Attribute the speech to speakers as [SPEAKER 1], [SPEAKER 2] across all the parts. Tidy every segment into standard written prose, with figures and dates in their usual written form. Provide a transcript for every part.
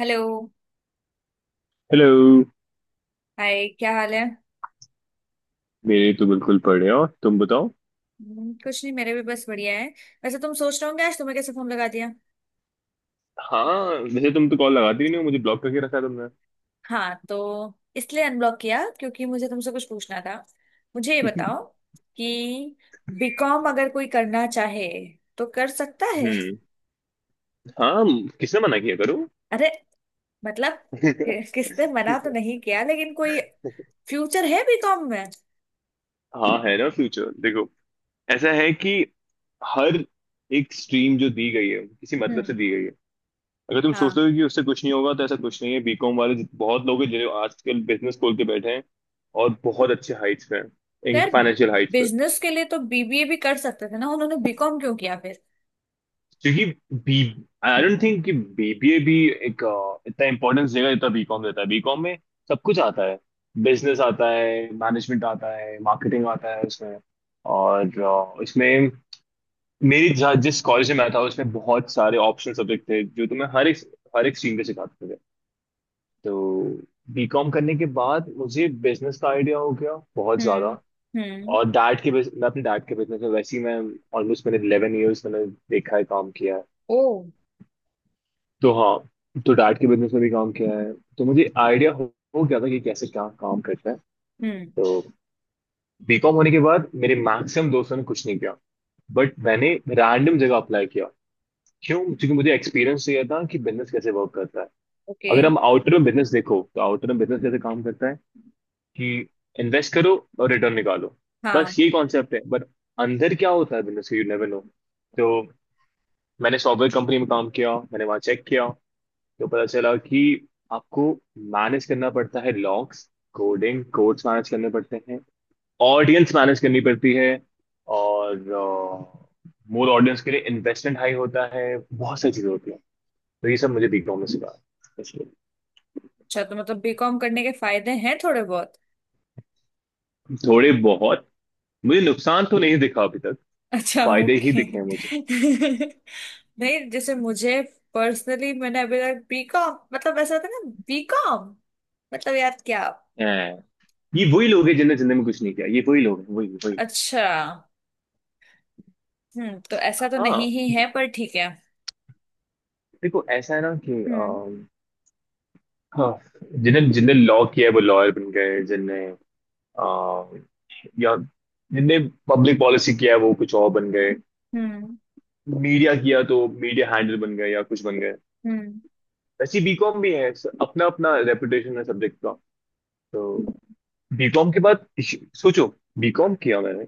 [SPEAKER 1] Hello.
[SPEAKER 2] Hello.
[SPEAKER 1] Hi, क्या हाल है?
[SPEAKER 2] मेरे तो बिल्कुल पढ़े हो, तुम बताओ।
[SPEAKER 1] कुछ नहीं, मेरे भी बस बढ़िया है। वैसे तुम सोच रहे होंगे आज तुम्हें कैसे फोन लगा दिया।
[SPEAKER 2] हाँ, वैसे तुम तो कॉल लगाती ही नहीं हो, मुझे ब्लॉक करके रखा है तुमने।
[SPEAKER 1] हाँ तो इसलिए अनब्लॉक किया क्योंकि मुझे तुमसे कुछ पूछना था। मुझे ये बताओ कि बीकॉम अगर कोई करना चाहे तो कर सकता है?
[SPEAKER 2] हम्म। हाँ, किसने मना किया, करो।
[SPEAKER 1] अरे, मतलब किसने मना तो नहीं किया, लेकिन कोई फ्यूचर है बीकॉम में?
[SPEAKER 2] हाँ है ना, फ्यूचर, देखो ऐसा है कि हर एक स्ट्रीम जो दी गई है, किसी मतलब से
[SPEAKER 1] हम्म।
[SPEAKER 2] दी गई है। अगर तुम सोच
[SPEAKER 1] हाँ।
[SPEAKER 2] रहे हो कि उससे कुछ नहीं होगा तो ऐसा कुछ नहीं है। बीकॉम वाले बहुत लोग हैं जो आजकल बिजनेस खोल के बैठे हैं और बहुत अच्छे हाइट्स पे हैं, इन
[SPEAKER 1] यार,
[SPEAKER 2] फाइनेंशियल हाइट्स।
[SPEAKER 1] बिजनेस के लिए तो बीबीए भी कर सकते थे ना, उन्होंने बीकॉम क्यों किया फिर?
[SPEAKER 2] क्योंकि बी आई डोंट थिंक कि बीबीए भी एक इतना इंपॉर्टेंस देगा जितना बीकॉम देता है। बीकॉम में सब कुछ आता है, बिजनेस आता है, मैनेजमेंट आता है, मार्केटिंग आता है उसमें। और इसमें जिस कॉलेज में मैं था उसमें बहुत सारे ऑप्शनल सब्जेक्ट थे जो तुम्हें हर एक स्ट्रीम पे सिखाते थे। तो बीकॉम करने के बाद मुझे बिजनेस का आइडिया हो गया बहुत ज्यादा।
[SPEAKER 1] हम्म। हम्म।
[SPEAKER 2] और मैं अपने डैड के बिजनेस में वैसे ही, मैं ऑलमोस्ट मैंने 11 ईयर्स मैंने देखा है, काम किया है।
[SPEAKER 1] ओ।
[SPEAKER 2] तो हाँ, तो डाट के बिजनेस में भी काम किया है। तो मुझे हो गया था कि कैसे क्या काम करता है।
[SPEAKER 1] हम्म।
[SPEAKER 2] तो बीकॉम होने के बाद मेरे मैक्सिमम दोस्तों ने कुछ नहीं किया, बट मैंने रैंडम जगह अप्लाई किया। क्यों? क्योंकि मुझे एक्सपीरियंस चाहिए था कि बिजनेस कैसे वर्क करता है।
[SPEAKER 1] ओके।
[SPEAKER 2] अगर हम आउटर में बिजनेस देखो तो आउटर में बिजनेस कैसे काम करता है कि इन्वेस्ट करो और रिटर्न निकालो। बस
[SPEAKER 1] हाँ।
[SPEAKER 2] यही कॉन्सेप्ट है, बट अंदर क्या होता है बिजनेस का, यू नेवर नो। तो मैंने सॉफ्टवेयर कंपनी में काम किया, मैंने वहाँ चेक किया। तो पता चला कि आपको मैनेज करना पड़ता है लॉग्स, कोडिंग कोड्स मैनेज करने पड़ते हैं, ऑडियंस मैनेज करनी पड़ती है। और मोर ऑडियंस के लिए इन्वेस्टमेंट हाई होता है। बहुत सारी चीजें होती हैं। तो ये सब मुझे दिखा में सिखा, इसलिए।
[SPEAKER 1] अच्छा, तो मतलब बीकॉम करने के फायदे हैं थोड़े बहुत।
[SPEAKER 2] थोड़े बहुत मुझे नुकसान तो नहीं दिखा अभी तक,
[SPEAKER 1] अच्छा,
[SPEAKER 2] फायदे ही
[SPEAKER 1] ओके।
[SPEAKER 2] दिखे हैं मुझे।
[SPEAKER 1] नहीं, जैसे मुझे पर्सनली, मैंने अभी तक बीकॉम मतलब ऐसा होता है ना, बीकॉम मतलब यार क्या।
[SPEAKER 2] हैं। ये वही लोग हैं जिन्होंने जिंदगी में कुछ नहीं किया। ये वही लोग हैं, वही वही।
[SPEAKER 1] अच्छा। हम्म, तो ऐसा तो नहीं
[SPEAKER 2] हाँ,
[SPEAKER 1] ही है, पर ठीक है।
[SPEAKER 2] देखो ऐसा है ना कि
[SPEAKER 1] हम्म।
[SPEAKER 2] हाँ, जिन्हें जिन्हें लॉ किया है वो लॉयर बन गए, जिनने अ, या जिनने पब्लिक पॉलिसी किया है वो कुछ और बन गए।
[SPEAKER 1] हम्म।
[SPEAKER 2] मीडिया किया तो मीडिया हैंडल बन गए या कुछ बन गए।
[SPEAKER 1] हम्म।
[SPEAKER 2] वैसे बीकॉम भी है, अपना अपना रेपुटेशन है सब्जेक्ट का। तो बीकॉम के बाद सोचो, बीकॉम किया मैंने,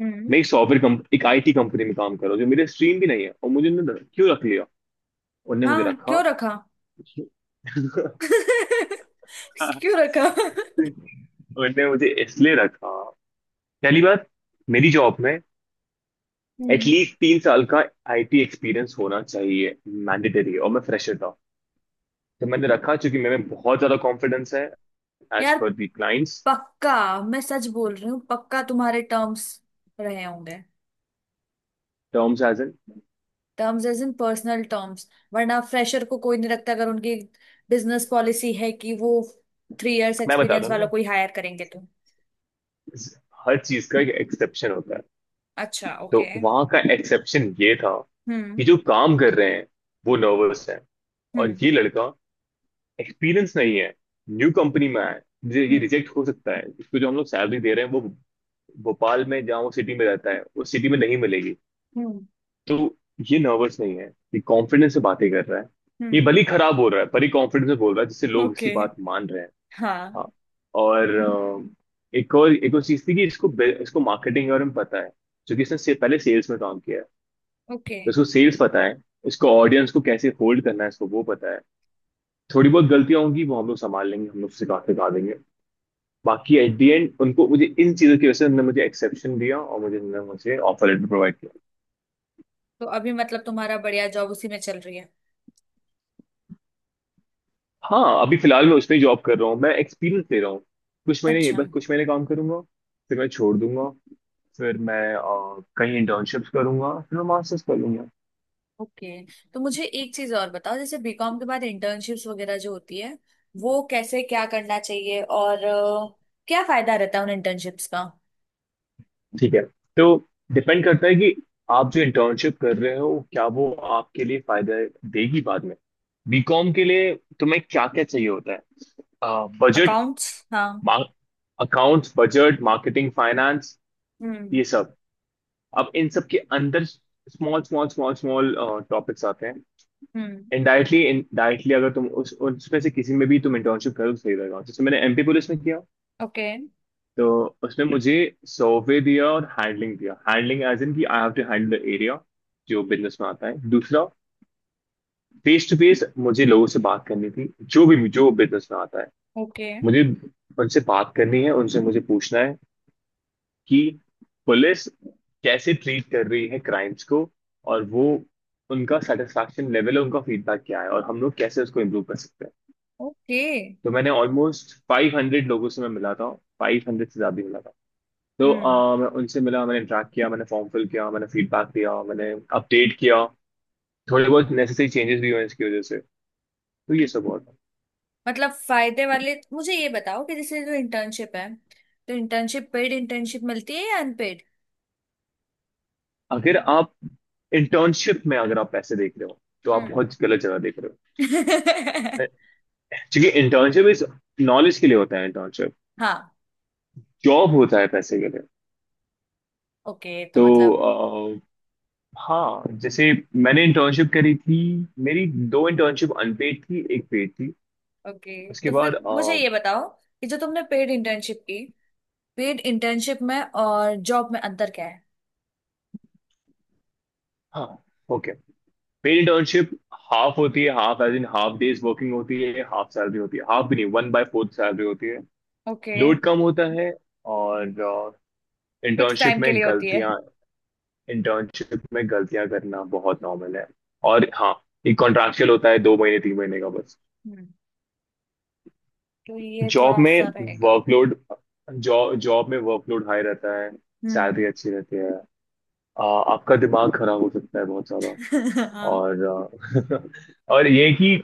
[SPEAKER 1] हम्म।
[SPEAKER 2] मैं एक सॉफ्टवेयर कंप एक आईटी कंपनी में काम कर रहा हूँ जो मेरे स्ट्रीम भी नहीं है, और मुझे उन्होंने क्यों रख लिया? उनने मुझे
[SPEAKER 1] हाँ,
[SPEAKER 2] रखा।
[SPEAKER 1] क्यों रखा? क्यों रखा?
[SPEAKER 2] उनने मुझे इसलिए रखा। पहली बात, मेरी जॉब में
[SPEAKER 1] हम्म।
[SPEAKER 2] एटलीस्ट 3 साल का आईटी एक्सपीरियंस होना चाहिए, मैंडेटरी है, और मैं फ्रेशर था। तो मैंने रखा क्योंकि मेरे में बहुत ज्यादा कॉन्फिडेंस है, एज
[SPEAKER 1] यार
[SPEAKER 2] पर दी क्लाइंट्स
[SPEAKER 1] पक्का, मैं सच बोल रही हूँ, पक्का तुम्हारे टर्म्स रहे होंगे।
[SPEAKER 2] Terms as an.
[SPEAKER 1] Terms as in personal terms, वरना फ्रेशर को कोई नहीं रखता अगर उनकी बिजनेस पॉलिसी है कि वो थ्री इयर्स
[SPEAKER 2] मैं बताता
[SPEAKER 1] एक्सपीरियंस
[SPEAKER 2] हूँ
[SPEAKER 1] वालों
[SPEAKER 2] ना,
[SPEAKER 1] को ही हायर करेंगे तो।
[SPEAKER 2] हर चीज का एक एक्सेप्शन होता है।
[SPEAKER 1] अच्छा, ओके।
[SPEAKER 2] तो वहां का एक्सेप्शन ये था
[SPEAKER 1] हम्म।
[SPEAKER 2] कि जो काम कर रहे हैं वो नर्वस है, और
[SPEAKER 1] हम्म।
[SPEAKER 2] ये लड़का, एक्सपीरियंस नहीं है, न्यू कंपनी में आया है, मुझे ये
[SPEAKER 1] हम्म।
[SPEAKER 2] रिजेक्ट हो सकता है। इसको जो हम लोग सैलरी दे रहे हैं वो भोपाल में, जहाँ वो सिटी में रहता है उस सिटी में नहीं मिलेगी।
[SPEAKER 1] हम्म।
[SPEAKER 2] तो ये नर्वस नहीं है, ये कॉन्फिडेंस से बातें कर रहा है, ये
[SPEAKER 1] हम्म।
[SPEAKER 2] भले ही खराब बोल रहा है पर ये कॉन्फिडेंस से बोल रहा है जिससे लोग इसकी
[SPEAKER 1] ओके।
[SPEAKER 2] बात मान रहे हैं।
[SPEAKER 1] हाँ।
[SPEAKER 2] हाँ, और एक और चीज थी कि इसको मार्केटिंग के बारे में पता है, जो कि पहले सेल्स में काम किया है।
[SPEAKER 1] ओके,
[SPEAKER 2] तो इसको सेल्स पता है, इसको ऑडियंस को कैसे होल्ड करना है इसको वो पता है। थोड़ी बहुत गलतियां होंगी वो हम लोग संभाल लेंगे, हम लोग सिखा सिखा देंगे। बाकी एट दी एंड उनको, मुझे इन चीजों की वजह से उन्होंने मुझे एक्सेप्शन दिया और मुझे उन्होंने मुझे ऑफर लेटर प्रोवाइड किया।
[SPEAKER 1] तो अभी मतलब तुम्हारा बढ़िया जॉब उसी में चल रही है।
[SPEAKER 2] हाँ, अभी फिलहाल मैं उसमें ही जॉब कर रहा हूँ, मैं एक्सपीरियंस ले रहा हूँ। कुछ महीने, ये
[SPEAKER 1] अच्छा।
[SPEAKER 2] बस कुछ महीने काम करूंगा, फिर मैं छोड़ दूंगा। फिर मैं कहीं इंटर्नशिप्स करूंगा, फिर मैं मास्टर्स कर लूंगा।
[SPEAKER 1] ओके, तो मुझे एक चीज और बताओ, जैसे बीकॉम के बाद इंटर्नशिप्स वगैरह जो होती है वो कैसे, क्या करना चाहिए, और क्या फायदा रहता है उन इंटर्नशिप्स का?
[SPEAKER 2] ठीक है, तो डिपेंड करता है कि आप जो इंटर्नशिप कर रहे हो क्या वो आपके लिए फायदा देगी बाद में। बीकॉम के लिए तुम्हें क्या क्या चाहिए होता है? बजट,
[SPEAKER 1] अकाउंट्स, हाँ।
[SPEAKER 2] अकाउंट्स, बजट, मार्केटिंग, फाइनेंस,
[SPEAKER 1] हम्म।
[SPEAKER 2] ये सब। अब इन सब के अंदर स्मॉल स्मॉल टॉपिक्स आते हैं।
[SPEAKER 1] हम्म।
[SPEAKER 2] इनडायरेक्टली इनडायरेक्टली अगर तुम उस उसमें से किसी में भी तुम इंटर्नशिप करो तो सही रहेगा। जैसे मैंने एमपी पुलिस में किया,
[SPEAKER 1] ओके।
[SPEAKER 2] तो उसमें मुझे सर्वे दिया और हैंडलिंग दिया। हैंडलिंग एज इन कि I have to handle the area, जो बिजनेस में आता है। दूसरा, फेस टू फेस मुझे लोगों से बात करनी थी, जो भी जो बिजनेस में आता है।
[SPEAKER 1] ओके।
[SPEAKER 2] मुझे उनसे बात करनी है, उनसे मुझे पूछना है कि पुलिस कैसे ट्रीट कर रही है क्राइम्स को, और वो उनका सेटिस्फैक्शन लेवल, उनका फीडबैक क्या है और हम लोग कैसे उसको इम्प्रूव कर सकते हैं।
[SPEAKER 1] ओके।
[SPEAKER 2] तो मैंने ऑलमोस्ट 500 लोगों से मैं मिला था, 500 से ज़्यादा ही मिला था। तो
[SPEAKER 1] हम्म,
[SPEAKER 2] मैं उनसे मिला, मैंने इंटरेक्ट किया, मैंने फॉर्म फिल किया, मैंने फीडबैक दिया, मैंने अपडेट किया। थोड़े बहुत नेसेसरी चेंजेस भी हुए इसकी वजह से। तो ये सब हुआ था।
[SPEAKER 1] मतलब फायदे वाले, मुझे ये बताओ कि जैसे जो इंटर्नशिप है, तो इंटर्नशिप पेड इंटर्नशिप मिलती है या अनपेड?
[SPEAKER 2] अगर आप इंटर्नशिप में अगर आप पैसे देख रहे हो तो आप
[SPEAKER 1] हम्म।
[SPEAKER 2] बहुत गलत जगह देख रहे हो। क्योंकि इंटर्नशिप इस नॉलेज के लिए होता है, इंटर्नशिप।
[SPEAKER 1] हाँ,
[SPEAKER 2] जॉब होता है पैसे के लिए।
[SPEAKER 1] ओके तो मतलब।
[SPEAKER 2] तो अ, हाँ, जैसे मैंने इंटर्नशिप करी थी, मेरी 2 इंटर्नशिप अनपेड थी एक पेड थी।
[SPEAKER 1] ओके,
[SPEAKER 2] उसके
[SPEAKER 1] तो
[SPEAKER 2] बाद,
[SPEAKER 1] फिर मुझे ये बताओ कि जो तुमने पेड इंटर्नशिप की, पेड इंटर्नशिप में और जॉब में अंतर क्या है?
[SPEAKER 2] हाँ, ओके। पेड इंटर्नशिप हाफ होती है, half as in half days working होती है, हाफ सैलरी होती है, हाफ भी नहीं, वन बाय फोर्थ सैलरी होती है।
[SPEAKER 1] ओके।
[SPEAKER 2] लोड कम होता है,
[SPEAKER 1] हम्म।
[SPEAKER 2] और
[SPEAKER 1] फिक्स
[SPEAKER 2] इंटर्नशिप
[SPEAKER 1] टाइम के
[SPEAKER 2] में
[SPEAKER 1] लिए होती है।
[SPEAKER 2] गलतियां, इंटर्नशिप में गलतियां करना बहुत नॉर्मल है। और हाँ, ये कॉन्ट्रैक्चुअल होता है, 2 महीने 3 महीने का बस।
[SPEAKER 1] हम्म, तो ये
[SPEAKER 2] जॉब
[SPEAKER 1] थोड़ा
[SPEAKER 2] में
[SPEAKER 1] सा रहेगा।
[SPEAKER 2] वर्कलोड, जॉब जॉब में वर्कलोड हाई रहता है,
[SPEAKER 1] हम्म।
[SPEAKER 2] सैलरी अच्छी रहती है। आ, आपका दिमाग खराब हो सकता है बहुत सारा।
[SPEAKER 1] हाँ।
[SPEAKER 2] और और ये कि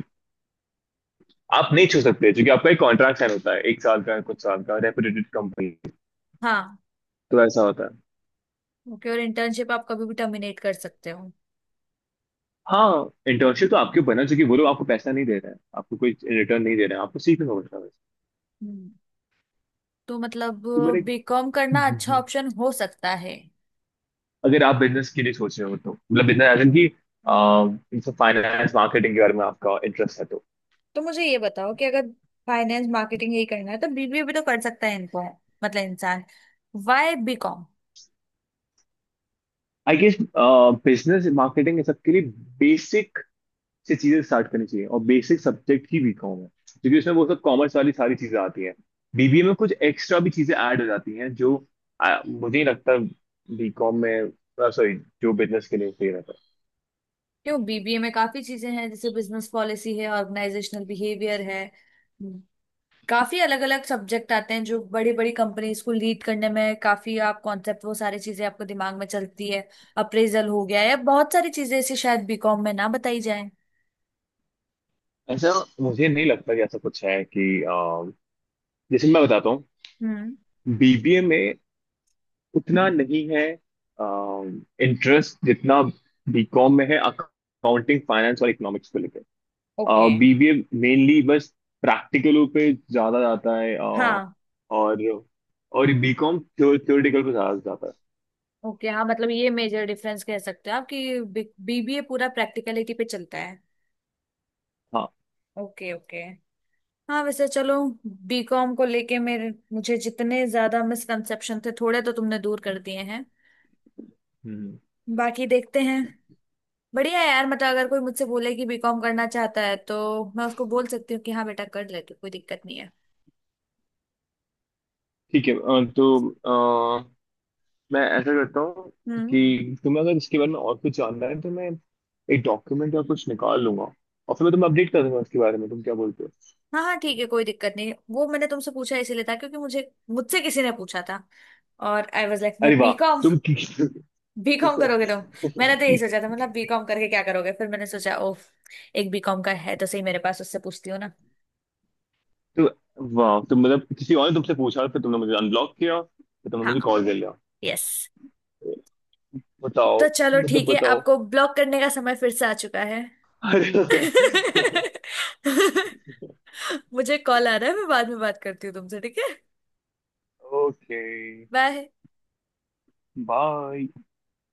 [SPEAKER 2] आप नहीं छू सकते क्योंकि आपका एक कॉन्ट्रैक्ट साइन होता है, 1 साल का कुछ साल का, रेपुटेटेड कंपनी।
[SPEAKER 1] हाँ।
[SPEAKER 2] तो ऐसा होता है।
[SPEAKER 1] ओके, और इंटर्नशिप आप कभी भी टर्मिनेट कर सकते हो?
[SPEAKER 2] हाँ, इंटर्नशिप तो आपके बना चूंकि वो लोग आपको पैसा नहीं दे रहे हैं, आपको कोई रिटर्न नहीं दे रहे हैं, आपको सीखना होता है बस।
[SPEAKER 1] हम्म, तो मतलब
[SPEAKER 2] तो मेरे,
[SPEAKER 1] बीकॉम करना अच्छा ऑप्शन हो सकता है।
[SPEAKER 2] अगर आप बिजनेस के लिए सोच रहे हो तो मतलब, बिजनेस एज इन की, अह, फाइनेंस मार्केटिंग के बारे में आपका इंटरेस्ट है तो।
[SPEAKER 1] तो मुझे ये बताओ कि अगर फाइनेंस मार्केटिंग यही करना है तो बीबीए भी तो कर सकता है इनको, मतलब इंसान। Why BCom?
[SPEAKER 2] I guess, business marketing सबके लिए बेसिक से चीजें स्टार्ट करनी चाहिए, और बेसिक सब्जेक्ट ही बीकॉम है। क्योंकि उसमें वो सब कॉमर्स वाली सारी चीजें आती हैं। बीबीए में कुछ एक्स्ट्रा भी चीजें ऐड हो जाती हैं जो मुझे नहीं लगता बीकॉम में, सॉरी, जो बिजनेस के लिए सही रहता
[SPEAKER 1] क्यों, बीबीए में काफी चीजें हैं जैसे बिजनेस पॉलिसी है, ऑर्गेनाइजेशनल बिहेवियर है। हम्म। काफी अलग अलग सब्जेक्ट आते हैं जो बड़ी बड़ी कंपनीज को लीड करने में काफी, आप कॉन्सेप्ट, वो सारी चीजें आपको दिमाग में चलती है। अप्रेजल हो गया, या बहुत सारी चीजें ऐसी शायद बीकॉम में ना बताई जाए।
[SPEAKER 2] है। ऐसा मुझे नहीं लगता कि ऐसा कुछ है कि जैसे मैं बताता हूँ,
[SPEAKER 1] हम्म।
[SPEAKER 2] बीबीए में उतना नहीं है इंटरेस्ट जितना बीकॉम में है अकाउंटिंग, फाइनेंस और इकोनॉमिक्स को लेकर।
[SPEAKER 1] ओके।
[SPEAKER 2] बीबीए मेनली बस प्रैक्टिकलों पे ज्यादा जाता है,
[SPEAKER 1] हाँ।
[SPEAKER 2] और और बीकॉम थ्योरेटिकल पे ज्यादा जाता है।
[SPEAKER 1] ओके, हाँ, मतलब ये मेजर डिफरेंस कह सकते हो आप, कि बीबीए पूरा प्रैक्टिकलिटी पे चलता है।
[SPEAKER 2] हाँ।
[SPEAKER 1] Okay, okay. हाँ, वैसे चलो, बीकॉम को लेके मेरे मुझे जितने ज्यादा मिसकंसेप्शन थे, थोड़े तो तुमने दूर कर दिए हैं।
[SPEAKER 2] हम्म।
[SPEAKER 1] बाकी देखते हैं। बढ़िया है यार, मतलब अगर कोई मुझसे बोले कि बीकॉम करना चाहता है तो मैं उसको बोल सकती हूँ कि हाँ बेटा कर ले तू, कोई दिक्कत नहीं है।
[SPEAKER 2] ठीक है, तो अ, मैं ऐसा करता हूँ
[SPEAKER 1] हम्म।
[SPEAKER 2] कि तुम्हें अगर इसके बारे में और कुछ जानना है तो मैं एक डॉक्यूमेंट या कुछ निकाल लूंगा और फिर मैं तुम्हें अपडेट कर दूंगा उसके बारे में। तुम क्या बोलते हो?
[SPEAKER 1] हाँ हाँ, ठीक है, कोई दिक्कत नहीं। वो मैंने तुमसे पूछा इसीलिए था क्योंकि मुझे मुझसे किसी ने पूछा था, और आई वाज लाइक,
[SPEAKER 2] अरे
[SPEAKER 1] मतलब
[SPEAKER 2] वाह,
[SPEAKER 1] बीकॉम
[SPEAKER 2] तुम कि-
[SPEAKER 1] बीकॉम करोगे तुम? मैंने तो यही सोचा था, मतलब बीकॉम करके क्या करोगे, फिर मैंने सोचा ओह, एक बीकॉम का है तो सही मेरे पास, उससे पूछती हूँ ना।
[SPEAKER 2] तो वाह, तुम मतलब किसी और ने तुमसे पूछा, फिर तुमने मुझे अनब्लॉक किया, फिर तुमने मुझे
[SPEAKER 1] हाँ।
[SPEAKER 2] कॉल कर लिया।
[SPEAKER 1] यस।
[SPEAKER 2] बताओ,
[SPEAKER 1] तो चलो
[SPEAKER 2] मतलब
[SPEAKER 1] ठीक है,
[SPEAKER 2] बताओ।
[SPEAKER 1] आपको ब्लॉक करने का समय फिर से आ चुका है। मुझे कॉल आ रहा है, मैं बाद में बात करती हूँ तुमसे, ठीक है?
[SPEAKER 2] Okay,
[SPEAKER 1] bye.
[SPEAKER 2] बाय।